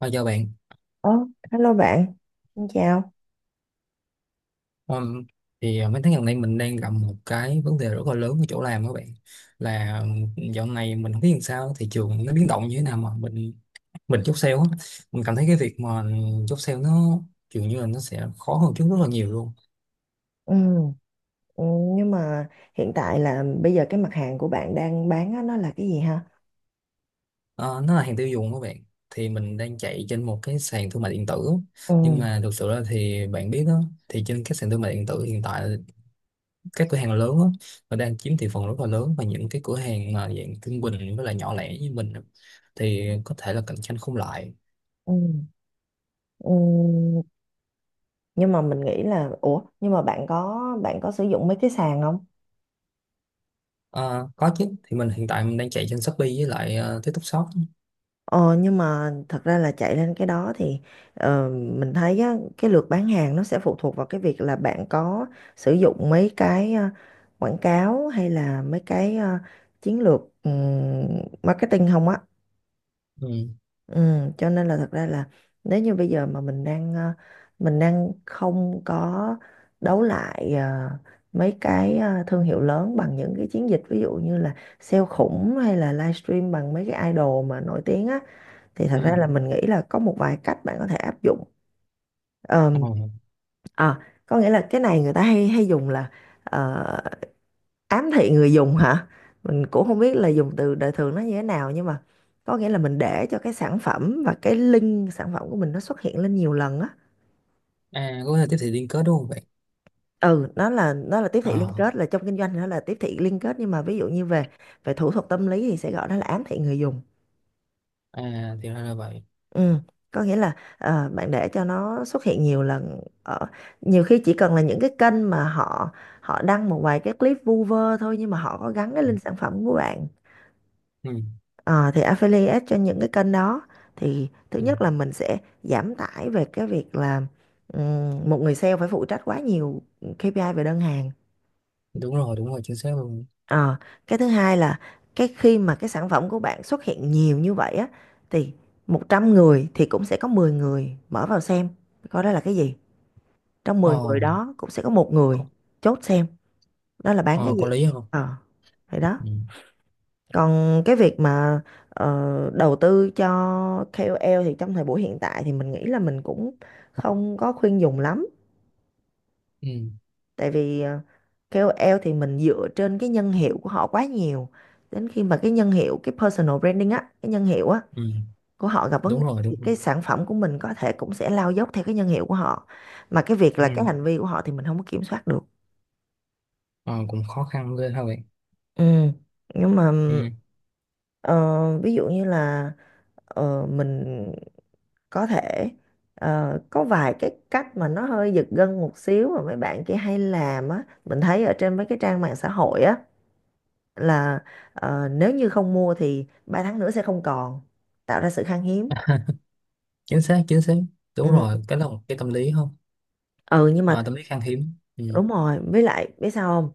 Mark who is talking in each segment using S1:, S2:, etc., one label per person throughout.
S1: Thôi chào bạn.
S2: Ờ, Hello bạn, xin chào.
S1: Ừm, thì mấy tháng gần đây mình đang gặp một cái vấn đề rất là lớn ở chỗ làm các bạn, là dạo này mình không biết làm sao thị trường nó biến động như thế nào mà mình chốt sale á. Mình cảm thấy cái việc mà chốt sale nó dường như là nó sẽ khó hơn trước rất là nhiều luôn.
S2: Ừ, ừ, nhưng mà hiện tại là bây giờ cái mặt hàng của bạn đang bán á, nó là cái gì ha?
S1: Ờ, nó là hàng tiêu dùng các bạn, thì mình đang chạy trên một cái sàn thương mại điện tử.
S2: Ừ,
S1: Nhưng mà thực sự là thì bạn biết đó, thì trên các sàn thương mại điện tử hiện tại, các cửa hàng lớn á, nó đang chiếm thị phần rất là lớn, và những cái cửa hàng mà dạng trung bình với lại nhỏ lẻ như mình á, thì có thể là cạnh tranh không lại.
S2: ừ, ừ. Nhưng mà mình nghĩ là, ủa, nhưng mà bạn có sử dụng mấy cái sàn không?
S1: Ờ, có chứ, thì mình hiện tại mình đang chạy trên Shopee với lại TikTok Shop.
S2: Ờ, nhưng mà thật ra là chạy lên cái đó thì mình thấy á, cái lượt bán hàng nó sẽ phụ thuộc vào cái việc là bạn có sử dụng mấy cái quảng cáo hay là mấy cái chiến lược marketing không á.
S1: Ừ,
S2: Ừ, cho nên là thật ra là nếu như bây giờ mà mình đang mình đang không có đấu lại mấy cái thương hiệu lớn bằng những cái chiến dịch ví dụ như là sale khủng hay là livestream bằng mấy cái idol mà nổi tiếng á thì thật ra
S1: ừ,
S2: là mình nghĩ là có một vài cách bạn có thể áp dụng.
S1: ờ.
S2: Ờm, À, có nghĩa là cái này người ta hay hay dùng là ờ, ám thị người dùng hả, mình cũng không biết là dùng từ đời thường nó như thế nào, nhưng mà có nghĩa là mình để cho cái sản phẩm và cái link sản phẩm của mình nó xuất hiện lên nhiều lần á.
S1: À, có thể tiếp thị liên kết đúng không bạn?
S2: Ừ, nó là tiếp thị liên
S1: Ờ,
S2: kết, là trong kinh doanh thì nó là tiếp thị liên kết, nhưng mà ví dụ như về về thủ thuật tâm lý thì sẽ gọi đó là ám thị người dùng.
S1: à, thì ra là vậy.
S2: Ừ, có nghĩa là bạn để cho nó xuất hiện nhiều lần ở nhiều khi chỉ cần là những cái kênh mà họ họ đăng một vài cái clip vu vơ thôi, nhưng mà họ có gắn cái
S1: Ừ,
S2: link sản phẩm của bạn.
S1: ừ.
S2: Ờ, thì affiliate cho những cái kênh đó thì thứ
S1: Ừ.
S2: nhất là mình sẽ giảm tải về cái việc là một người sale phải phụ trách quá nhiều KPI về đơn hàng.
S1: Đúng rồi, đúng rồi, chính xác luôn.
S2: Ờ, cái thứ hai là cái khi mà cái sản phẩm của bạn xuất hiện nhiều như vậy á thì 100 người thì cũng sẽ có 10 người mở vào xem coi đó là cái gì. Trong 10
S1: Ờ,
S2: người đó cũng sẽ có một người
S1: có.
S2: chốt xem đó là bán
S1: Ờ,
S2: cái gì.
S1: có lý không?
S2: Ờ, thì đó.
S1: Ừ,
S2: Còn cái việc mà đầu tư cho KOL thì trong thời buổi hiện tại thì mình nghĩ là mình cũng không có khuyên dùng lắm.
S1: ừ,
S2: Tại vì KOL thì mình dựa trên cái nhân hiệu của họ quá nhiều. Đến khi mà cái nhân hiệu, cái personal branding á, cái nhân hiệu á
S1: ừ.
S2: của họ gặp vấn
S1: Đúng
S2: đề
S1: rồi,
S2: thì
S1: đúng rồi.
S2: cái sản phẩm của mình có thể cũng sẽ lao dốc theo cái nhân hiệu của họ. Mà cái việc
S1: Ừ.
S2: là cái hành vi của họ thì mình không có kiểm soát được.
S1: Ờ, cũng khó khăn ghê ha bạn.
S2: Ừ. Nhưng mà
S1: Ừ.
S2: ờ, ví dụ như là mình có thể có vài cái cách mà nó hơi giật gân một xíu mà mấy bạn kia hay làm á, mình thấy ở trên mấy cái trang mạng xã hội á, là nếu như không mua thì 3 tháng nữa sẽ không còn, tạo ra sự khan hiếm.
S1: Chính xác, chính xác. Đúng
S2: Ừ.
S1: rồi, cái là một cái tâm lý không?
S2: Ừ, nhưng mà
S1: À, tâm lý khan hiếm. Ừ.
S2: đúng rồi, với lại biết sao không.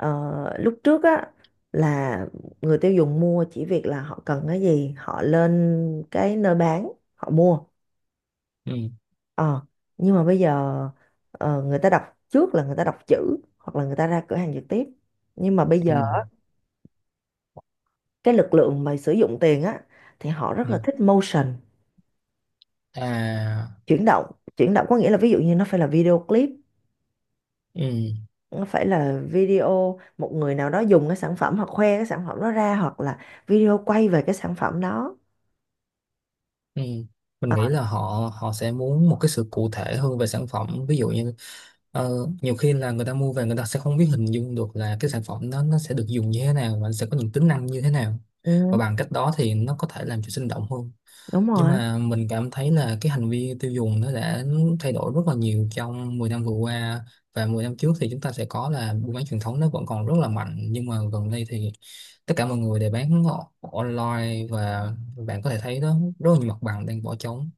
S2: Ờ, lúc trước á, là người tiêu dùng mua chỉ việc là họ cần cái gì họ lên cái nơi bán họ mua.
S1: Ừ.
S2: Ờ, nhưng mà bây giờ người ta đọc, trước là người ta đọc chữ hoặc là người ta ra cửa hàng trực tiếp. Nhưng mà bây
S1: Ừ.
S2: giờ cái lực lượng mà sử dụng tiền á thì họ rất
S1: Ừ.
S2: là thích motion,
S1: À.
S2: chuyển động. Chuyển động có nghĩa là ví dụ như nó phải là video clip,
S1: Ừ.
S2: nó phải là video một người nào đó dùng cái sản phẩm hoặc khoe cái sản phẩm đó ra hoặc là video quay về cái sản phẩm đó.
S1: Ừ. Mình nghĩ là họ họ sẽ muốn một cái sự cụ thể hơn về sản phẩm, ví dụ như nhiều khi là người ta mua về người ta sẽ không biết hình dung được là cái sản phẩm đó nó sẽ được dùng như thế nào và nó sẽ có những tính năng như thế nào, và
S2: Ừ,
S1: bằng cách đó thì nó có thể làm cho sinh động hơn.
S2: đúng
S1: Nhưng
S2: rồi,
S1: mà mình cảm thấy là cái hành vi tiêu dùng nó đã thay đổi rất là nhiều trong 10 năm vừa qua, và 10 năm trước thì chúng ta sẽ có là buôn bán truyền thống nó vẫn còn rất là mạnh, nhưng mà gần đây thì tất cả mọi người đều bán online, và bạn có thể thấy đó rất là nhiều mặt bằng đang bỏ trống.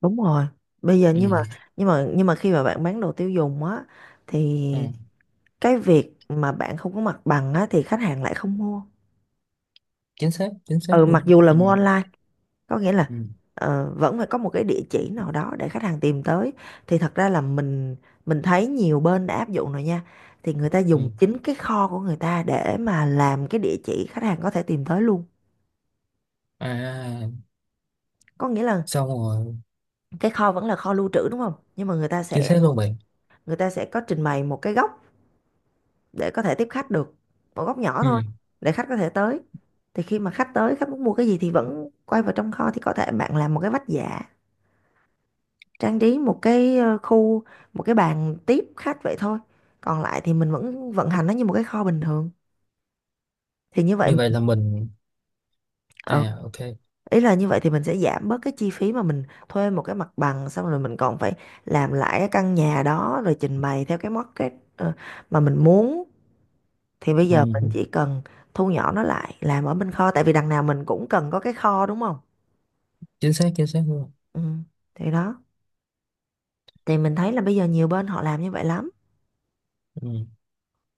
S2: đúng rồi. Bây giờ
S1: Ừ.
S2: nhưng mà nhưng mà khi mà bạn bán đồ tiêu dùng á thì
S1: Ừ.
S2: cái việc mà bạn không có mặt bằng á, thì khách hàng lại không mua,
S1: Chính xác, chính xác
S2: ừ, mặc
S1: luôn.
S2: dù là
S1: Ừ.
S2: mua online, có nghĩa là
S1: Ừ.
S2: vẫn phải có một cái địa chỉ nào đó để khách hàng tìm tới. Thì thật ra là mình thấy nhiều bên đã áp dụng rồi nha, thì người ta
S1: Ừ.
S2: dùng chính cái kho của người ta để mà làm cái địa chỉ khách hàng có thể tìm tới luôn.
S1: À.
S2: Có nghĩa là
S1: Xong rồi.
S2: cái kho vẫn là kho lưu trữ đúng không, nhưng mà người ta
S1: Chính
S2: sẽ
S1: xác luôn bạn.
S2: người ta sẽ có trình bày một cái góc để có thể tiếp khách được, một góc nhỏ
S1: Ừ.
S2: thôi, để khách có thể tới. Thì khi mà khách tới khách muốn mua cái gì thì vẫn quay vào trong kho, thì có thể bạn làm một cái vách dạ, trang trí một cái khu, một cái bàn tiếp khách vậy thôi, còn lại thì mình vẫn vận hành nó như một cái kho bình thường. Thì như vậy,
S1: Như vậy là mình.
S2: ờ,
S1: À, ok.
S2: ý là như vậy thì mình sẽ giảm bớt cái chi phí mà mình thuê một cái mặt bằng xong rồi mình còn phải làm lại cái căn nhà đó rồi trình bày theo cái market mà mình muốn. Thì bây
S1: Ừ.
S2: giờ mình chỉ cần thu nhỏ nó lại làm ở bên kho, tại vì đằng nào mình cũng cần có cái kho đúng không.
S1: Chính xác, chính xác luôn.
S2: Ừ, thì đó, thì mình thấy là bây giờ nhiều bên họ làm như vậy lắm,
S1: Ừ.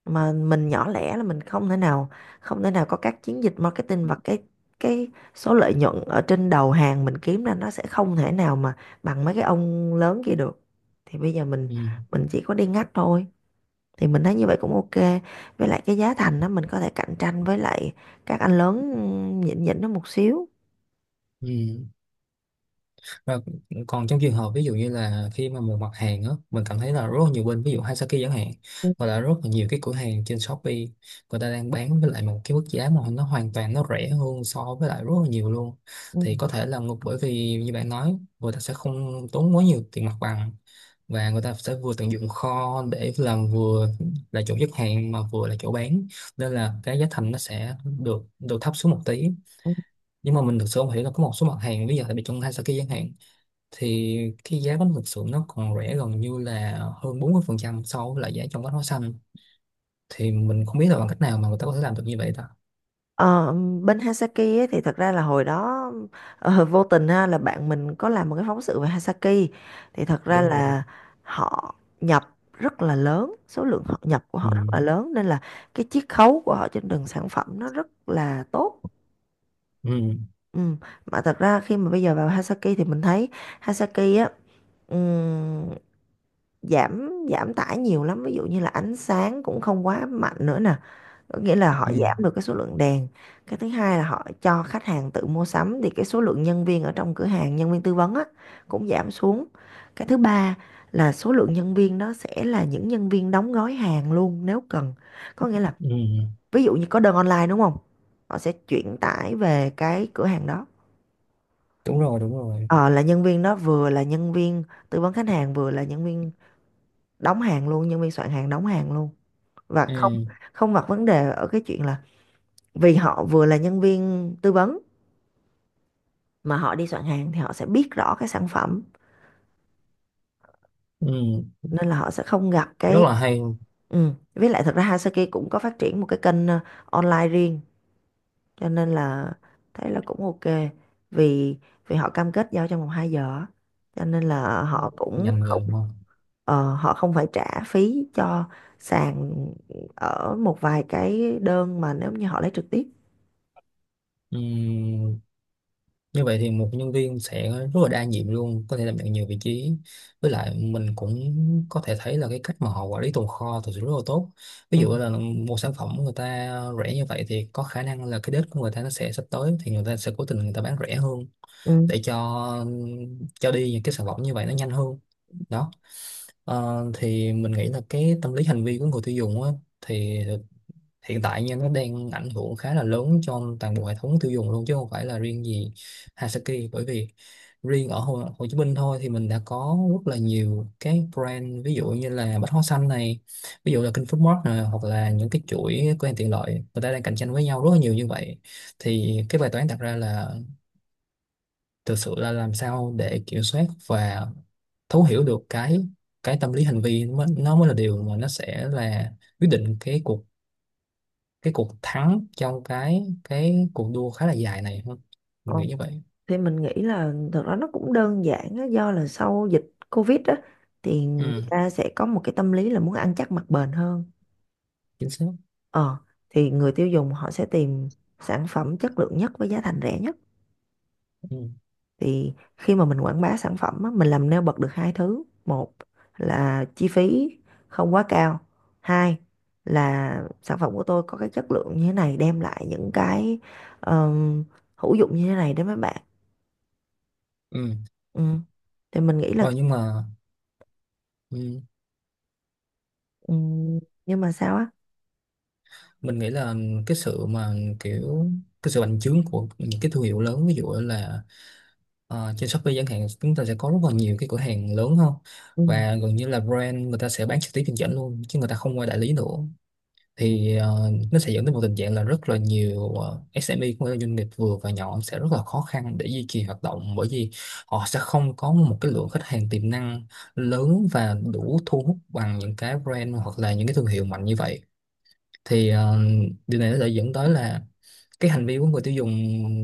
S2: mà mình nhỏ lẻ là mình không thể nào có các chiến dịch marketing và cái số lợi nhuận ở trên đầu hàng mình kiếm ra nó sẽ không thể nào mà bằng mấy cái ông lớn kia được. Thì bây giờ mình
S1: Ừ.
S2: mình chỉ có đi ngách thôi, thì mình thấy như vậy cũng ok, với lại cái giá thành đó mình có thể cạnh tranh với lại các anh lớn, ừ, nhỉnh nhỉnh nó một xíu.
S1: Ừ. Và còn trong trường hợp ví dụ như là khi mà một mặt hàng á, mình cảm thấy là rất là nhiều bên, ví dụ Hasaki chẳng hạn, hoặc là rất là nhiều cái cửa hàng trên Shopee, người ta đang bán với lại một cái mức giá mà nó hoàn toàn nó rẻ hơn so với lại rất là nhiều luôn.
S2: Ừ.
S1: Thì có thể là ngược, bởi vì như bạn nói, người ta sẽ không tốn quá nhiều tiền mặt bằng, và người ta sẽ vừa tận dụng kho để làm, vừa là chỗ xuất hàng mà vừa là chỗ bán, nên là cái giá thành nó sẽ được được thấp xuống một tí. Nhưng mà mình thực sự không hiểu là có một số mặt hàng bây giờ, tại vì trong Hasaki chẳng hạn, thì cái giá bánh mực sườn nó còn rẻ gần như là hơn 40% so với lại giá trong bánh hóa xanh. Thì mình không biết là bằng cách nào mà người ta có thể làm được như vậy ta.
S2: Ờ, bên Hasaki ấy, thì thật ra là hồi đó vô tình ha, là bạn mình có làm một cái phóng sự về Hasaki, thì thật ra
S1: Đúng rồi.
S2: là họ nhập rất là lớn, số lượng họ nhập của
S1: Ừ.
S2: họ rất là lớn nên là cái chiết khấu của họ trên từng sản phẩm nó rất là tốt.
S1: Ừ.
S2: Ừ. Mà thật ra khi mà bây giờ vào Hasaki thì mình thấy Hasaki á, ừm, giảm giảm tải nhiều lắm, ví dụ như là ánh sáng cũng không quá mạnh nữa nè, có nghĩa là họ
S1: Ừ.
S2: giảm được cái số lượng đèn. Cái thứ hai là họ cho khách hàng tự mua sắm, thì cái số lượng nhân viên ở trong cửa hàng, nhân viên tư vấn á, cũng giảm xuống. Cái thứ ba là số lượng nhân viên đó sẽ là những nhân viên đóng gói hàng luôn nếu cần, có nghĩa là
S1: Ừ.
S2: ví dụ như có đơn online đúng không, họ sẽ chuyển tải về cái cửa hàng đó.
S1: Đúng rồi, đúng rồi.
S2: Ờ, là nhân viên đó vừa là nhân viên tư vấn khách hàng vừa là nhân viên đóng hàng luôn, nhân viên soạn hàng đóng hàng luôn. Và không
S1: Ừ.
S2: không gặp vấn đề ở cái chuyện là vì họ vừa là nhân viên tư vấn mà họ đi soạn hàng thì họ sẽ biết rõ cái sản phẩm,
S1: Ừ.
S2: nên là họ sẽ không gặp
S1: Rất
S2: cái,
S1: là hay.
S2: ừ. Với lại thật ra Hasaki cũng có phát triển một cái kênh online riêng, cho nên là thấy là cũng ok, vì vì họ cam kết giao trong vòng 2 giờ á. Cho nên là họ cũng
S1: Ngành nghề
S2: không,
S1: đúng không?
S2: họ không phải trả phí cho sàn ở một vài cái đơn mà nếu như họ lấy trực tiếp.
S1: Ừ. Như vậy thì một nhân viên sẽ rất là đa nhiệm luôn, có thể đảm nhận nhiều vị trí. Với lại mình cũng có thể thấy là cái cách mà họ quản lý tồn kho thực sự rất là tốt. Ví
S2: Ừ.
S1: dụ là một sản phẩm người ta rẻ như vậy thì có khả năng là cái date của người ta nó sẽ sắp tới, thì người ta sẽ cố tình người ta bán rẻ hơn
S2: Ừ.
S1: để cho đi những cái sản phẩm như vậy nó nhanh hơn. Đó. Ờ, thì mình nghĩ là cái tâm lý hành vi của người tiêu dùng á, thì hiện tại nha nó đang ảnh hưởng khá là lớn cho toàn bộ hệ thống tiêu dùng luôn, chứ không phải là riêng gì Hasaki. Bởi vì riêng ở Hồ Chí Minh thôi thì mình đã có rất là nhiều cái brand, ví dụ như là Bách Hóa Xanh này, ví dụ là King Foodmart này, hoặc là những cái chuỗi cửa hàng tiện lợi, người ta đang cạnh tranh với nhau rất là nhiều như vậy. Thì cái bài toán đặt ra là thực sự là làm sao để kiểm soát và thấu hiểu được cái tâm lý hành vi, nó mới là điều mà nó sẽ là quyết định cái cuộc thắng trong cái cuộc đua khá là dài này hơn. Mình
S2: Ok.
S1: nghĩ như vậy.
S2: Thì mình nghĩ là thật ra nó cũng đơn giản á, do là sau dịch Covid á thì người
S1: Ừ,
S2: ta sẽ có một cái tâm lý là muốn ăn chắc mặc bền hơn.
S1: chính xác.
S2: Ờ, thì người tiêu dùng họ sẽ tìm sản phẩm chất lượng nhất với giá thành rẻ nhất.
S1: Ừ.
S2: Thì khi mà mình quảng bá sản phẩm á, mình làm nêu bật được hai thứ: một là chi phí không quá cao, hai là sản phẩm của tôi có cái chất lượng như thế này, đem lại những cái ờm, hữu dụng như thế này đến với bạn.
S1: Ừ.
S2: Ừ, thì mình nghĩ là.
S1: Rồi nhưng mà. Ừ,
S2: Ừ, nhưng mà sao á.
S1: mình nghĩ là cái sự mà, kiểu, cái sự bành trướng của những cái thương hiệu lớn, ví dụ là trên Shopee chẳng hạn, chúng ta sẽ có rất là nhiều cái cửa hàng lớn hơn,
S2: Ừ,
S1: và gần như là brand người ta sẽ bán trực tiếp trên dẫn luôn chứ người ta không qua đại lý nữa. Thì nó sẽ dẫn đến một tình trạng là rất là nhiều SME cũng như là doanh nghiệp vừa và nhỏ sẽ rất là khó khăn để duy trì hoạt động, bởi vì họ sẽ không có một cái lượng khách hàng tiềm năng lớn và đủ thu hút bằng những cái brand hoặc là những cái thương hiệu mạnh như vậy. Thì điều này nó sẽ dẫn tới là cái hành vi của người tiêu dùng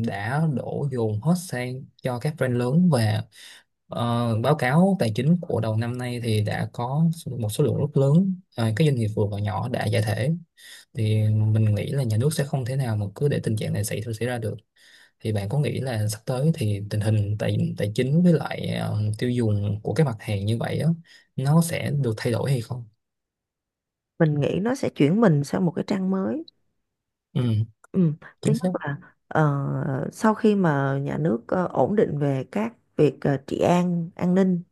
S1: đã đổ dồn hết sang cho các brand lớn. Và báo cáo tài chính của đầu năm nay thì đã có một số lượng rất lớn các doanh nghiệp vừa và nhỏ đã giải thể. Thì mình nghĩ là nhà nước sẽ không thể nào mà cứ để tình trạng này xảy xảy ra được. Thì bạn có nghĩ là sắp tới thì tình hình tài tài chính với lại tiêu dùng của các mặt hàng như vậy á nó sẽ được thay đổi hay không?
S2: mình nghĩ nó sẽ chuyển mình sang một cái trang mới.
S1: Ừ,
S2: Ừ. Thứ
S1: chính xác.
S2: nhất là sau khi mà nhà nước ổn định về các việc trị an an ninh,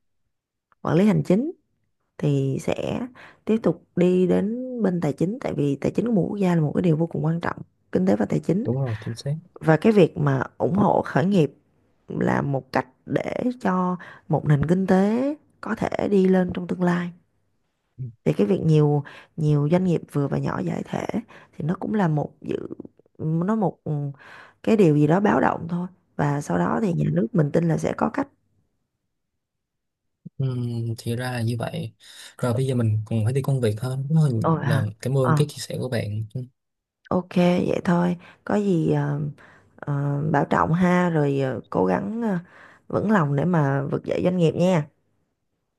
S2: quản lý hành chính thì sẽ tiếp tục đi đến bên tài chính, tại vì tài chính của một quốc gia là một cái điều vô cùng quan trọng, kinh tế và tài chính.
S1: Đúng rồi, chính xác.
S2: Và cái việc mà ủng hộ khởi nghiệp là một cách để cho một nền kinh tế có thể đi lên trong tương lai. Thì cái việc nhiều nhiều doanh nghiệp vừa và nhỏ giải thể thì nó cũng là một dự, nó một, cái điều gì đó báo động thôi, và sau đó thì nhà nước mình tin là sẽ có cách.
S1: Ừ, thì ra là như vậy. Rồi bây giờ mình còn phải đi công việc hơn. Rất
S2: Ôi hả?
S1: là cảm ơn
S2: ờ
S1: cái chia sẻ của bạn. Ừ,
S2: ok, vậy thôi. Có gì bảo trọng ha, rồi cố gắng vững lòng để mà vực dậy doanh nghiệp nha.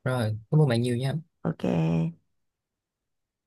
S1: rồi cảm ơn bạn nhiều nha
S2: Ok.